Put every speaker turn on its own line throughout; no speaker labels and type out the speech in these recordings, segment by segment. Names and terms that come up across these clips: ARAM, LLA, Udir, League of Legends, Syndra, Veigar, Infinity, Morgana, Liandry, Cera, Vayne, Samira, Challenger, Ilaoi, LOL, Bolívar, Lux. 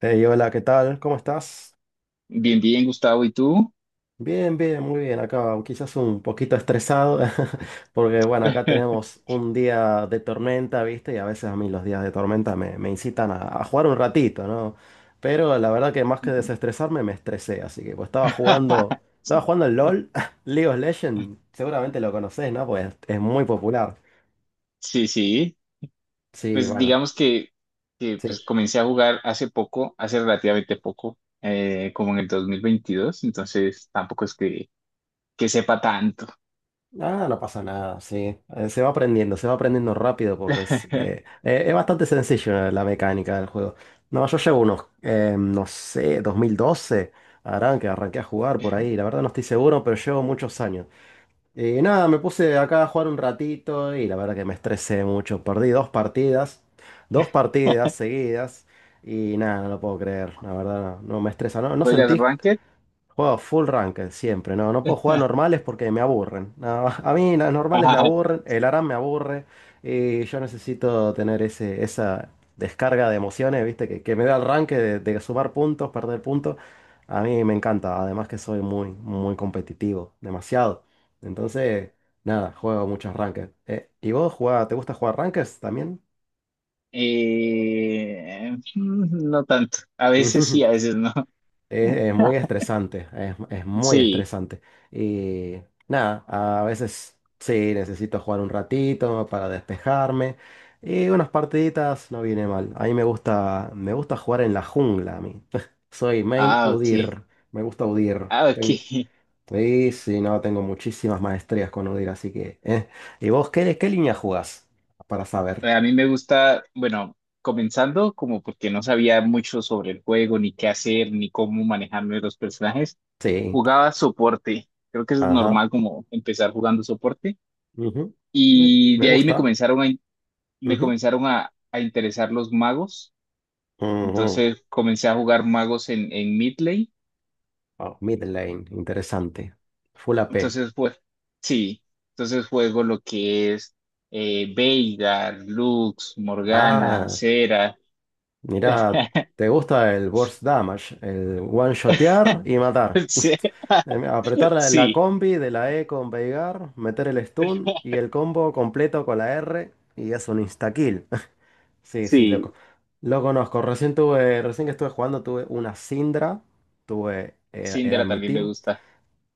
Hey, hola, ¿qué tal? ¿Cómo estás?
Bien, bien, Gustavo, ¿y tú?
Bien, bien, muy bien. Acá quizás un poquito estresado, porque bueno, acá tenemos un día de tormenta, ¿viste? Y a veces a mí los días de tormenta me incitan a jugar un ratito, ¿no? Pero la verdad que más que desestresarme, me estresé. Así que pues estaba jugando el LOL, League of Legends, seguramente lo conocés, ¿no? Pues es muy popular.
Sí, sí.
Sí,
Pues
bueno,
digamos que, que,
sí.
pues comencé a jugar hace poco, hace relativamente poco, como en el 2022. Entonces tampoco es que sepa tanto.
Ah, no pasa nada, sí. Se va aprendiendo rápido porque es bastante sencillo, la mecánica del juego. No, yo llevo unos, no sé, 2012, harán que arranqué a jugar por ahí. La verdad no estoy seguro, pero llevo muchos años. Y nada, me puse acá a jugar un ratito y la verdad que me estresé mucho. Perdí dos partidas seguidas y nada, no lo puedo creer. La verdad no, no me estresa. ¿No, no
¿Juegas
sentís?
Ranked?
Juego full ranked siempre, no, no puedo jugar normales porque me aburren. No, a mí las normales me
Ajá.
aburren, el ARAM me aburre y yo necesito tener ese, esa descarga de emociones, ¿viste? Que me da el ranked de sumar puntos, perder puntos. A mí me encanta, además que soy muy, muy competitivo, demasiado. Entonces, nada, juego muchos ranked. ¿Y te gusta jugar ranked también?
No tanto. A veces sí, a veces no.
Es muy estresante, es muy
Sí.
estresante. Y nada, a veces sí, necesito jugar un ratito para despejarme. Y unas partiditas no viene mal. A mí me gusta jugar en la jungla a mí. Soy main
Ah, ok.
Udir, me gusta Udir.
Ah, ok.
Ten- sí, sí, no, tengo muchísimas maestrías con Udir, así que.... ¿Y vos qué línea jugás? Para saber.
A mí me gusta, bueno, comenzando como porque no sabía mucho sobre el juego, ni qué hacer, ni cómo manejarme los personajes,
Sí,
jugaba soporte. Creo que es
ajá.
normal como empezar jugando soporte.
Ujú, Me,
Y
me
de ahí
gusta.
me
Ujú,
comenzaron a interesar los magos.
ujú.
Entonces comencé a jugar magos en mid lane.
Oh, mid lane, interesante. Full AP.
Entonces, pues, sí. Entonces juego lo que es Veigar, Lux, Morgana,
Ah,
Cera.
mira, te gusta el burst damage, el one-shotear y matar.
Sí.
Apretar la combi de la E con Veigar, meter el stun y el combo completo con la R y es un insta-kill. Sí, sí,
Sí,
loco. Lo conozco. Recién que estuve jugando tuve una Syndra. Era
Syndra
en mi
también me
team.
gusta.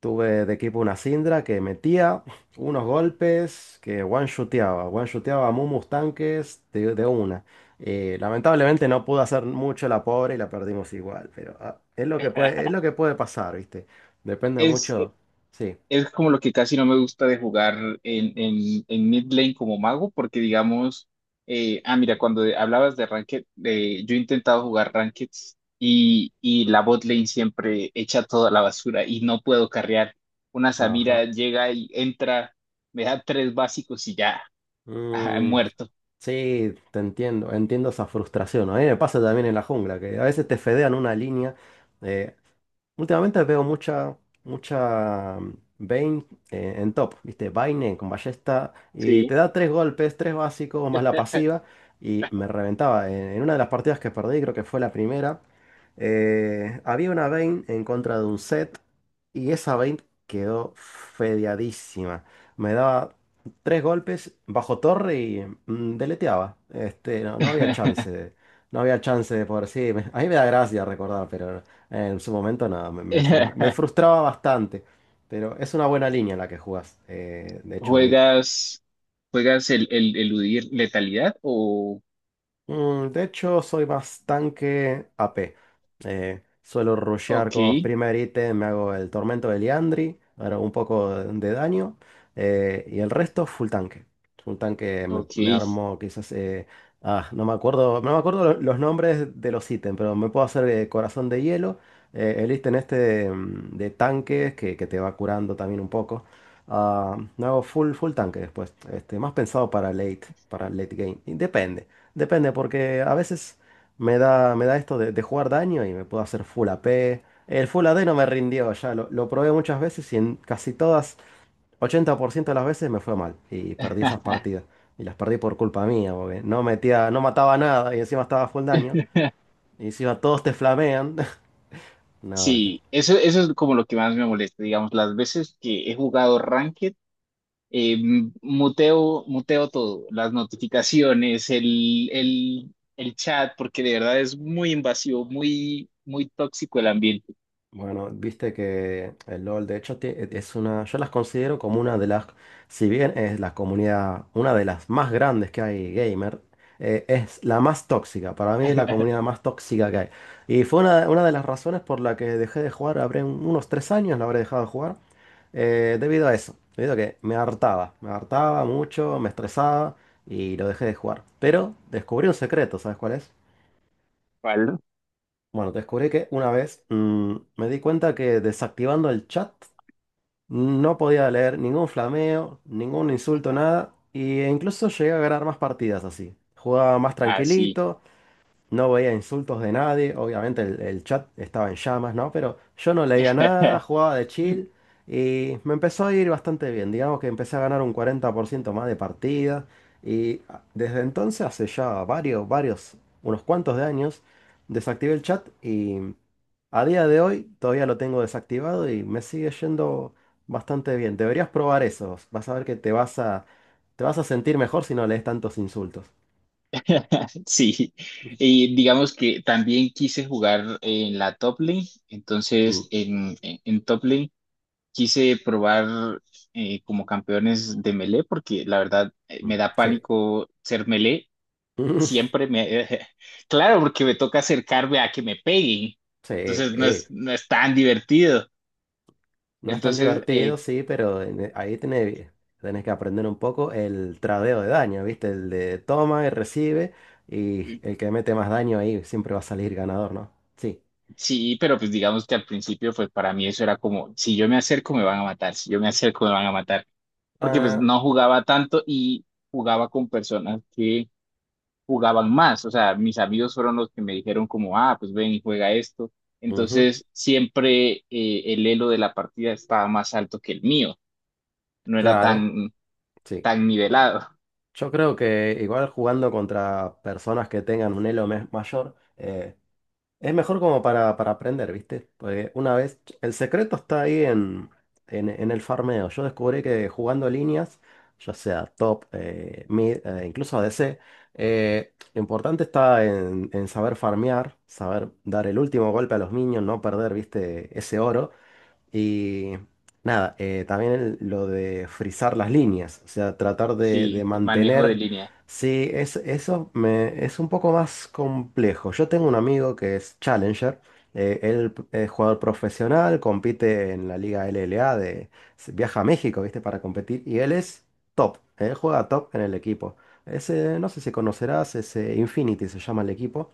Tuve de equipo una Syndra que metía unos golpes que one-shoteaba a Mumus tanques de una. Lamentablemente no pudo hacer mucho la pobre y la perdimos igual, pero ah, es lo que puede pasar, ¿viste? Depende
Es,
mucho. Sí,
es como lo que casi no me gusta de jugar en mid lane como mago, porque digamos, mira, hablabas de ranked, yo he intentado jugar rankeds y la bot lane siempre echa toda la basura y no puedo carrear. Una Samira
ajá.
llega y entra, me da tres básicos y ya, ajá,
Mm,
muerto.
sí, te entiendo, entiendo esa frustración. A mí me pasa también en la jungla, que a veces te fedean una línea. eh, Últimamente veo mucha, mucha Vayne en top, ¿viste? Vayne con ballesta y te
Sí.
da tres golpes, tres básicos más la pasiva y me reventaba. En una de las partidas que perdí, creo que fue la primera, había una Vayne en contra de un set y esa Vayne quedó fedeadísima. Me daba tres golpes bajo torre y deleteaba. Este, no había chance de, no había chance de poder, sí, a mí me da gracia recordar, pero... En su momento nada, me frustraba bastante, pero es una buena línea la que jugás. De hecho,
¿Juegas, juegas el eludir letalidad? O,
Soy más tanque AP. Suelo rushear
ok,
como primer ítem, me hago el tormento de Liandry, hago un poco de daño, y el resto full tanque. Full tanque me
ok.
armo quizás... no me acuerdo los nombres de los ítems, pero me puedo hacer corazón de hielo, el ítem este de tanques que te va curando también un poco. Ah, me hago full, full tanque después, este, más pensado para late game, y depende. Depende, porque a veces me da esto de jugar daño y me puedo hacer full AP. El full AD no me rindió ya, lo probé muchas veces y en casi todas, 80% de las veces me fue mal y perdí esas partidas. Y las perdí por culpa mía, porque no metía, no mataba nada y encima estaba full daño. Y encima todos te flamean. No, no.
Sí, eso es como lo que más me molesta, digamos, las veces que he jugado Ranked, muteo, muteo todo, las notificaciones, el chat, porque de verdad es muy invasivo, muy, muy tóxico el ambiente.
Bueno, viste que el LOL, de hecho, es una, yo las considero como una de las, si bien es la comunidad, una de las más grandes que hay gamer, es la más tóxica, para mí es la comunidad más tóxica que hay. Y fue una de las razones por la que dejé de jugar, habré unos 3 años, la habré dejado de jugar, debido a eso, debido a que me hartaba, mucho, me estresaba y lo dejé de jugar. Pero descubrí un secreto, ¿sabes cuál es?
¿Cuál?
Bueno, descubrí que una vez me di cuenta que desactivando el chat no podía leer ningún flameo, ningún insulto, nada. Y incluso llegué a ganar más partidas así. Jugaba más
Ah, sí.
tranquilito, no veía insultos de nadie. Obviamente el chat estaba en llamas, ¿no? Pero yo no leía nada, jugaba de chill. Y me empezó a ir bastante bien. Digamos que empecé a ganar un 40% más de partidas. Y ah, desde entonces, hace ya varios, varios, unos cuantos de años, desactivé el chat y... A día de hoy todavía lo tengo desactivado y me sigue yendo bastante bien. Deberías probar eso. Vas a ver que te vas a sentir mejor si no lees tantos insultos.
Sí, y digamos que también quise jugar en la top lane,
Mm,
entonces en top lane quise probar como campeones de melee, porque la verdad
mm,
me da
sí.
pánico ser melee, siempre me... Claro, porque me toca acercarme a que me peguen,
Sí,
entonces no es,
eh.
no es tan divertido.
No es tan
Entonces,
divertido, sí, pero ahí tenés, que aprender un poco el tradeo de daño, ¿viste? El de toma y recibe y
eh,
el que mete más daño ahí siempre va a salir ganador, ¿no? Sí.
sí, pero pues digamos que al principio, pues para mí eso era como, si yo me acerco me van a matar, si yo me acerco me van a matar. Porque pues
Ah,
no jugaba tanto y jugaba con personas que jugaban más. O sea, mis amigos fueron los que me dijeron como, ah, pues ven y juega esto.
ujú,
Entonces siempre el elo de la partida estaba más alto que el mío. No era
claro.
tan,
Sí.
tan nivelado.
Yo creo que igual jugando contra personas que tengan un elo mayor, es mejor como para aprender, ¿viste? Porque una vez, el secreto está ahí en, en el farmeo. Yo descubrí que jugando líneas, ya sea top, mid, incluso ADC, lo importante está en saber farmear, saber dar el último golpe a los minions, no perder, ¿viste? Ese oro. Y nada, también lo de frizar las líneas, o sea, tratar de
Sí, el manejo de
mantener...
línea.
Sí, es un poco más complejo. Yo tengo un amigo que es Challenger, él es jugador profesional, compite en la Liga LLA, de, viaja a México, ¿viste? Para competir, y él es top, él juega top en el equipo. Ese, no sé si conocerás, ese Infinity se llama el equipo.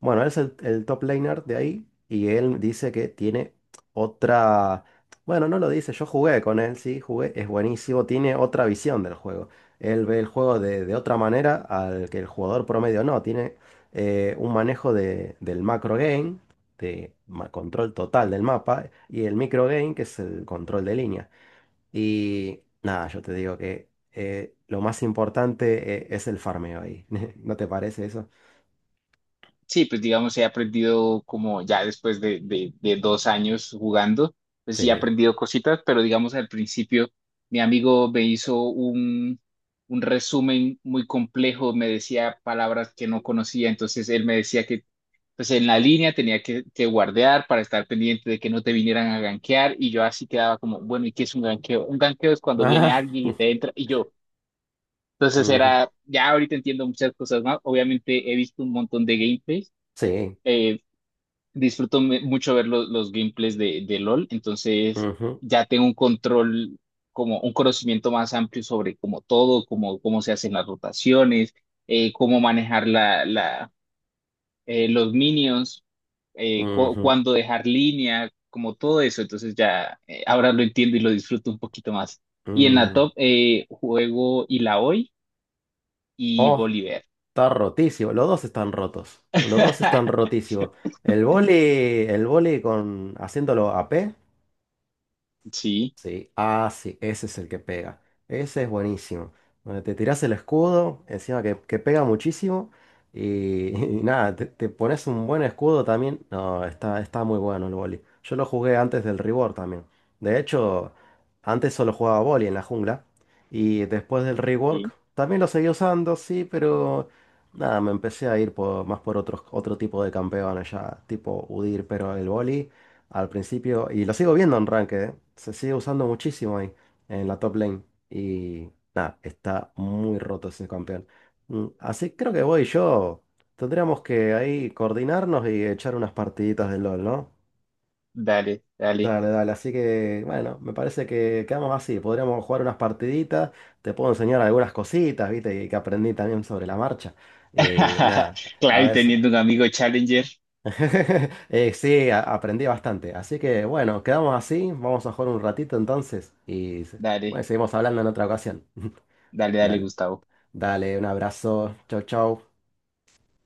Bueno, él es el top laner de ahí y él dice que tiene otra... Bueno, no lo dice, yo jugué con él, sí, jugué, es buenísimo, tiene otra visión del juego. Él ve el juego de otra manera al que el jugador promedio no, tiene un manejo del macro game, control total del mapa, y el micro game, que es el control de línea. Y nada, yo te digo que lo más importante es el farmeo ahí. ¿No te parece eso?
Sí, pues digamos, he aprendido como ya después de 2 años jugando, pues sí he
Sí.
aprendido cositas, pero digamos al principio mi amigo me hizo un resumen muy complejo, me decía palabras que no conocía, entonces él me decía que pues en la línea tenía que guardear para estar pendiente de que no te vinieran a gankear y yo así quedaba como, bueno, ¿y qué es un ganqueo? Un ganqueo es cuando viene alguien y te entra y yo. Entonces
Ujú,
era, ya ahorita entiendo muchas cosas más, obviamente he visto un montón de gameplays
sí.
eh, disfruto mucho ver los gameplays de LOL, entonces
Ujú,
ya tengo un control, como un conocimiento más amplio sobre como todo, como cómo se hacen las rotaciones, cómo manejar los minions, eh,
ujú,
cuándo dejar línea, como todo eso, entonces ya ahora lo entiendo y lo disfruto un poquito más. Y en la
mm.
top juego Ilaoi y
Oh,
Bolívar.
está rotísimo. Los dos están rotos. Los dos están rotísimos. El vóley con haciéndolo a P.
Sí,
Sí, ah, sí, ese es el que pega. Ese es buenísimo. Donde te tiras el escudo, encima que pega muchísimo. Y y nada, te pones un buen escudo también. No, está, está muy bueno el boli. Yo lo jugué antes del rework también. De hecho, antes solo jugaba boli en la jungla. Y después del rework
sí,
también lo seguí usando, sí, pero nada, me empecé a ir más por otro tipo de campeones ya, tipo Udir, pero el boli al principio, y lo sigo viendo en Ranked, ¿eh? Se sigue usando muchísimo ahí, en la top lane. Y nada, está muy roto ese campeón. Mm, así creo que voy yo, tendríamos que ahí coordinarnos y echar unas partiditas de LOL, ¿no?
dale, dale.
Dale, dale, así que bueno, me parece que quedamos así, podríamos jugar unas partiditas, te puedo enseñar algunas cositas, viste, y que aprendí también sobre la marcha. Y nada, a
Claro, y
ver,
teniendo un amigo Challenger,
Sí, aprendí bastante. Así que bueno, quedamos así. Vamos a jugar un ratito entonces. Y bueno,
dale,
seguimos hablando en otra ocasión.
dale, dale,
Dale,
Gustavo.
dale, un abrazo. Chau, chau.